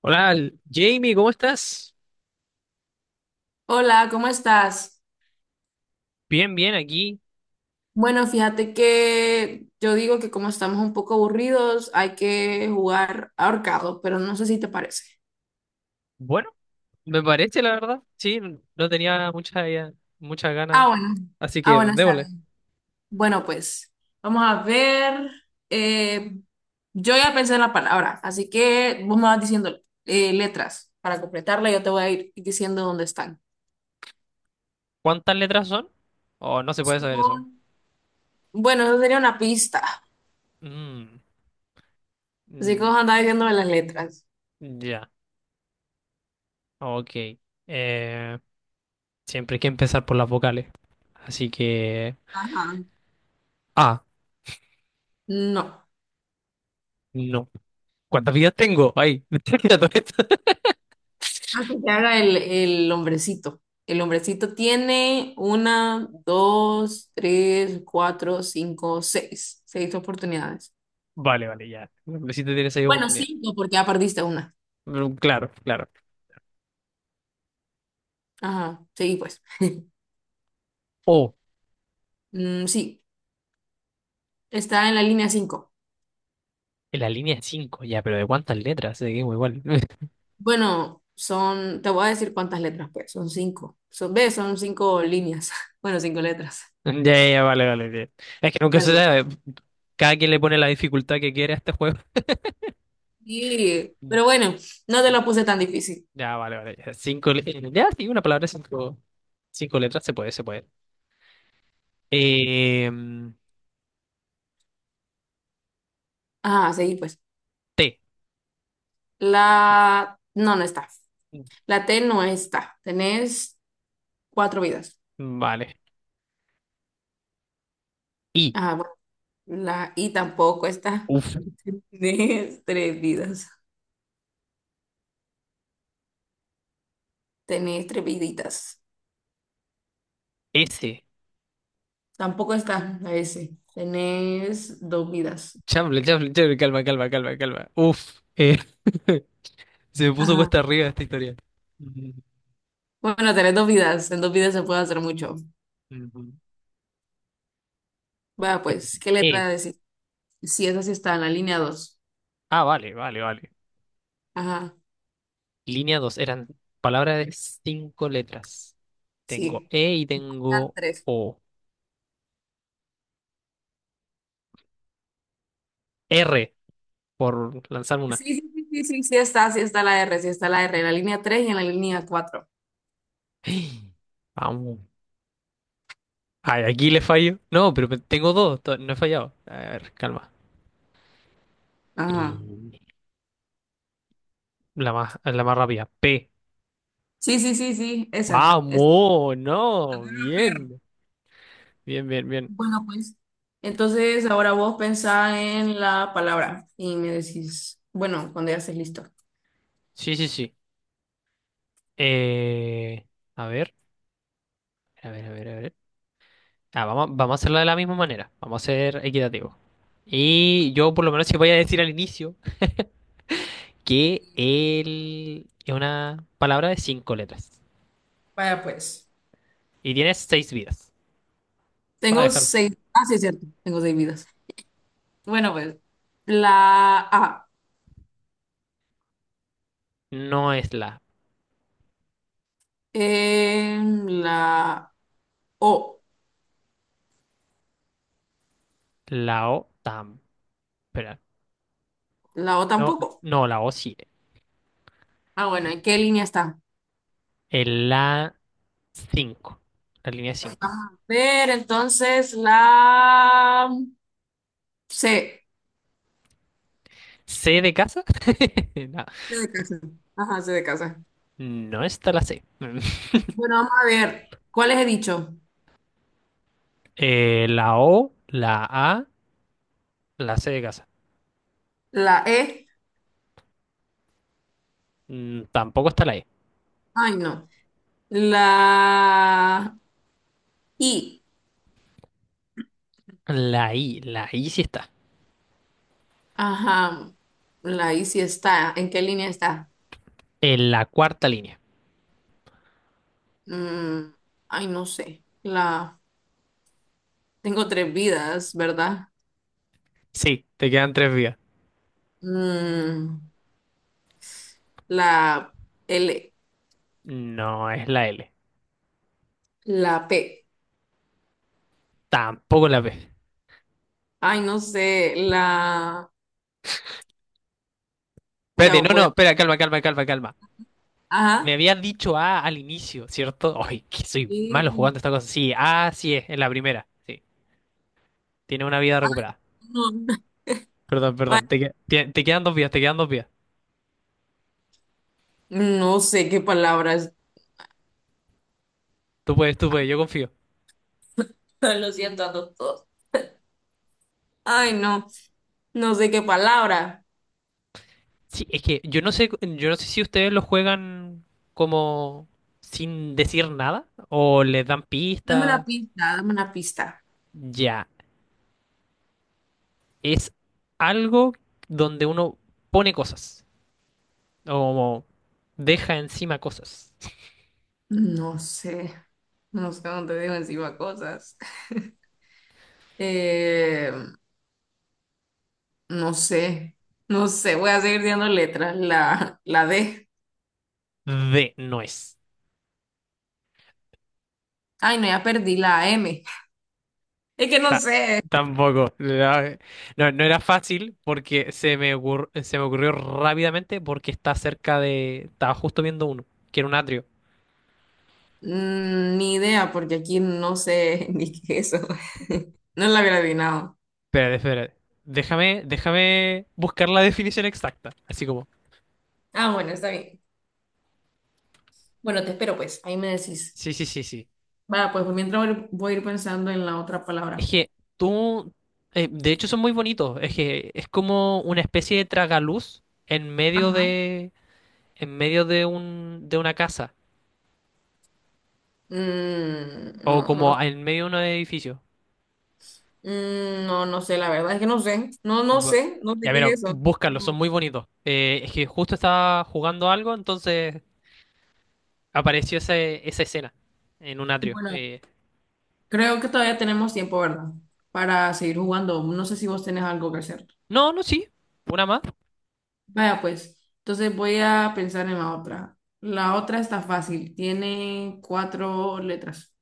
Hola, Jamie, ¿cómo estás? Hola, ¿cómo estás? Bien, bien, aquí. Bueno, fíjate que yo digo que como estamos un poco aburridos, hay que jugar ahorcado, pero no sé si te parece. Bueno, me parece, la verdad. Sí, no tenía muchas ganas. Ah, bueno. Así Ah, que bueno, está démosle. bien. Bueno, pues vamos a ver. Eh, yo ya pensé en la palabra, así que vos me vas diciendo letras para completarla. Yo te voy a ir diciendo dónde están. ¿Cuántas letras son? Oh, no se puede saber eso. Son- Bueno, eso sería una pista. Mm, Así que mm, vos andás diciéndome las letras. ya, ok. Eh, Siempre hay que empezar por las vocales. Así que... Ajá. Ah, No. no. ¿Cuántas vidas tengo? Ay, me estoy olvidando esto. Que te haga el hombrecito. El hombrecito tiene una, dos, tres, cuatro, cinco, seis. Seis oportunidades. Vale, vale, ya. Si te tienes ahí Bueno, oportunidad. cinco, porque ya perdiste una. Mm, claro, claro. Ajá, sí, pues. Oh, Mm, sí, está en la línea cinco. en la línea 5. Ya, pero ¿de cuántas letras? Seguimos igual. Bueno, son, te voy a decir cuántas letras, pues. Son cinco. Son, ¿ves? Son cinco líneas. Bueno, cinco letras. Ya, ya, vale, vale. Ya. Es que nunca se Dale. sabe. Cada quien le pone la dificultad que quiere a este juego. Sí, pero bueno, no te Sí. lo puse tan difícil. Ya, vale, vale. Ya. Ya, sí, una palabra, cinco letras, se puede, se puede. Eh, Ajá, sí, pues. T. La... No, no está. La T no está. Tenés cuatro vidas. Vale. I. Ah, bueno. La I tampoco está. Uf. Tenés tres vidas. Tenés tres viditas. S. Tampoco está la S. Tenés dos vidas. Chamble, chamble, chamble. Calma, calma, calma, calma. Uf. Se me puso Ajá. cuesta arriba esta historia. Ujú, Bueno, tenés dos vidas. En dos vidas se puede hacer mucho. ujú. Va, pues, ¿qué E. letra decir? Sí, esa sí está en la línea 2. Ah, vale, vale, vale. Ajá, Línea 2 eran palabras de cinco letras. Tengo sí. E y Me faltan tengo tres. O. R, por lanzar Sí, una. sí, sí, sí, sí, sí está la R, sí está la R, en la línea 3 y en la línea cuatro. Vamos. Ay, aquí le fallo. No, pero tengo dos, no he fallado. A ver, calma. Ajá. Y la más rápida, P. Sí, sí, sí, sí, esa. Es Vamos, no, bien. Bien, bien, bien. bueno, pues, entonces ahora vos pensá en la palabra y me decís, bueno, cuando ya estés listo. Sí, sí, sí. Eh, a ver, a ver, a ver, a ver. Ah, vamos, vamos a hacerlo de la misma manera. Vamos a ser equitativo. Y yo, por lo menos, si voy a decir al inicio que él es una palabra de cinco letras Vaya pues. y tiene seis vidas. Va a Tengo dejarlo. seis, ah, sí, es cierto, tengo seis vidas. Bueno, pues, la A, No es la, em, la O, la O tam. Espera. la O No, tampoco. no, la O sí. Ah, bueno, ¿en qué línea está? El la 5 La línea Vamos cinco. a ver, entonces, la C. C de casa. No, C de casa. Ajá, C de casa. no está la C. Bueno, vamos a ver, ¿cuáles he dicho? La O, la A, la C de casa. La E. Tampoco está la E. Ay, no. La I, La I sí está. ajá, la I sí está. ¿En qué línea está? En la cuarta línea. Mm, ay, no sé. La tengo tres vidas, ¿verdad? Sí, te quedan tres vías. Mm, la L, No es la L. la P. Tampoco la B. Ay, no sé. La ya Espérate, no, voy no, a. espera, calma, calma, calma, calma. Me Ajá. habías dicho A al inicio, ¿cierto? Ay, que soy malo Y- jugando esta cosa. Sí, A sí es, en la primera. Sí, tiene una vida recuperada. No, Perdón, perdón, te quedan dos vidas, te quedan dos vidas. no sé qué palabras. Tú puedes, yo confío. Lo siento a todos. Ay, no, no sé qué palabra. Sí, es que yo no sé si ustedes lo juegan como sin decir nada o les dan Dame una pistas. pista, dame una pista. Ya, es algo donde uno pone cosas o deja encima cosas. No sé, no sé dónde dejo encima cosas. Eh, no sé, no sé, voy a seguir dando letras. La D. D no es. Ay, no, ya perdí la M. Es que no Ta- sé, Tampoco. No, no era fácil porque se me ocurrió rápidamente porque está cerca de. Estaba justo viendo uno, que era un atrio. mm, ni idea, porque aquí no sé ni qué es eso. No la había adivinado. Espérate, espérate. Déjame, déjame buscar la definición exacta. Así como. Ah, bueno, está bien. Bueno, te espero, pues, ahí me decís. Sí, sí, sí, sí. Va, pues mientras voy a ir pensando en la otra Es palabra. que tú. De hecho, son muy bonitos. Es que es como una especie de tragaluz en medio Ajá. de. en medio de un. De una casa. Mm, O no, como no en medio de un edificio. Mm, no, no sé, la verdad es que no sé. No, no Bu- sé, no sé Ya, qué pero es eso. búscalos, son No. muy bonitos. Es que justo estaba jugando algo, entonces apareció esa escena en un atrio. Bueno, creo que todavía tenemos tiempo, ¿verdad? Para seguir jugando. No sé si vos tenés algo que hacer. No, no, sí. Una más. Vaya, pues, entonces voy a pensar en la otra. La otra está fácil, tiene cuatro letras.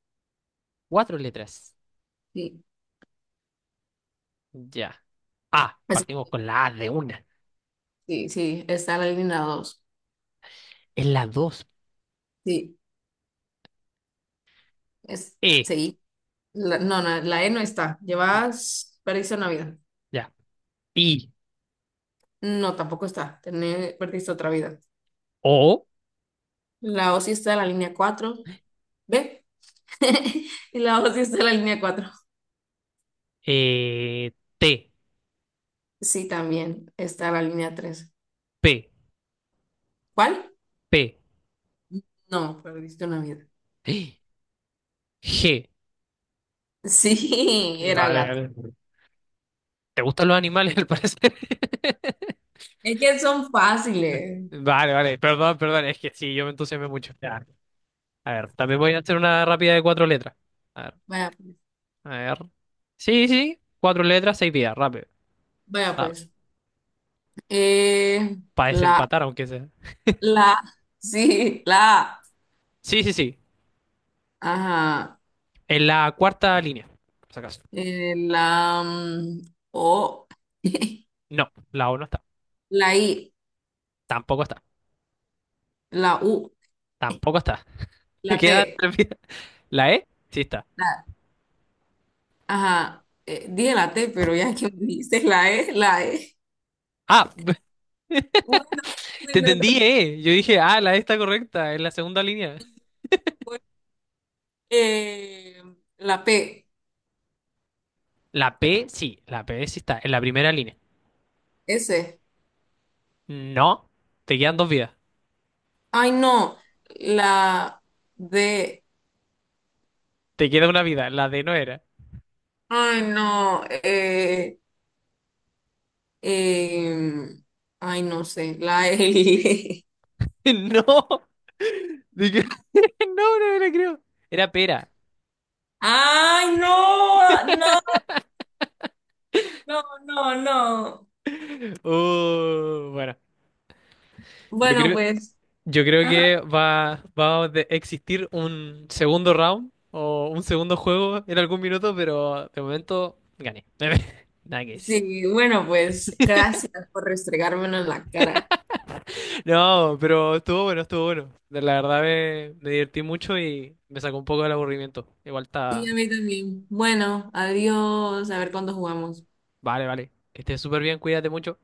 Cuatro letras. Sí, Ya. A. es- Partimos con la A de una. sí, sí, está la línea 2. Es la dos. Sí, es, E. sí. No, no, la E no está. Llevas, perdiste una vida. Ya. I. No, tampoco está. Perdiste otra vida. O. La O sí está en la línea 4. ¿Ve? Y la voz sí está en la línea cuatro. eh, T. Sí, también está en la línea tres. P. ¿Cuál? P. No, perdiste una vida. G. Sí, era Vale, gato. vale. ¿Te gustan los animales, al parecer? Es que son fáciles. Vale, vale. Perdón, perdón. Es que sí, yo me entusiasmé mucho. A ver, también voy a hacer una rápida de cuatro letras. A ver, Vaya, pues. a ver. Sí, sí, cuatro letras, seis vidas, rápido. Vaya, pues. Eh, Para la, desempatar, aunque sea. la, sí, la, Sí, sí, sí. ajá. En la cuarta línea, por si acaso. La, O, No, la O no está. la I, Tampoco está. la U, Tampoco está. la Quedan T, tres vidas. ¿La E? Sí está. la, ajá. Dije la T, pero ya que me dijiste la E. Ah, Bueno, te entendí, bueno. E. Yo dije, ah, la E está correcta, en la segunda línea. Pues, eh, la P, La P sí está, en la primera línea. S. No, te quedan dos vidas. Ay, no. La D. Te queda una vida, la D no era. Ay, no. Em, ay, no sé. La L. No. No, no me lo creo. Era pera. Ay, no. No, no, no, no. Bueno, yo Bueno, creo, pues. yo creo Ajá, que va a existir un segundo round o un segundo juego en algún minuto, pero de momento gané. Nada que decir. sí, bueno, pues. Gracias por restregármelo en la cara. No, pero estuvo bueno, estuvo bueno. La verdad me divertí mucho y me sacó un poco del aburrimiento. Igual Sí, está... a mí también. Bueno, adiós. A ver cuándo jugamos. Vale, vale. Que estés súper bien, cuídate mucho.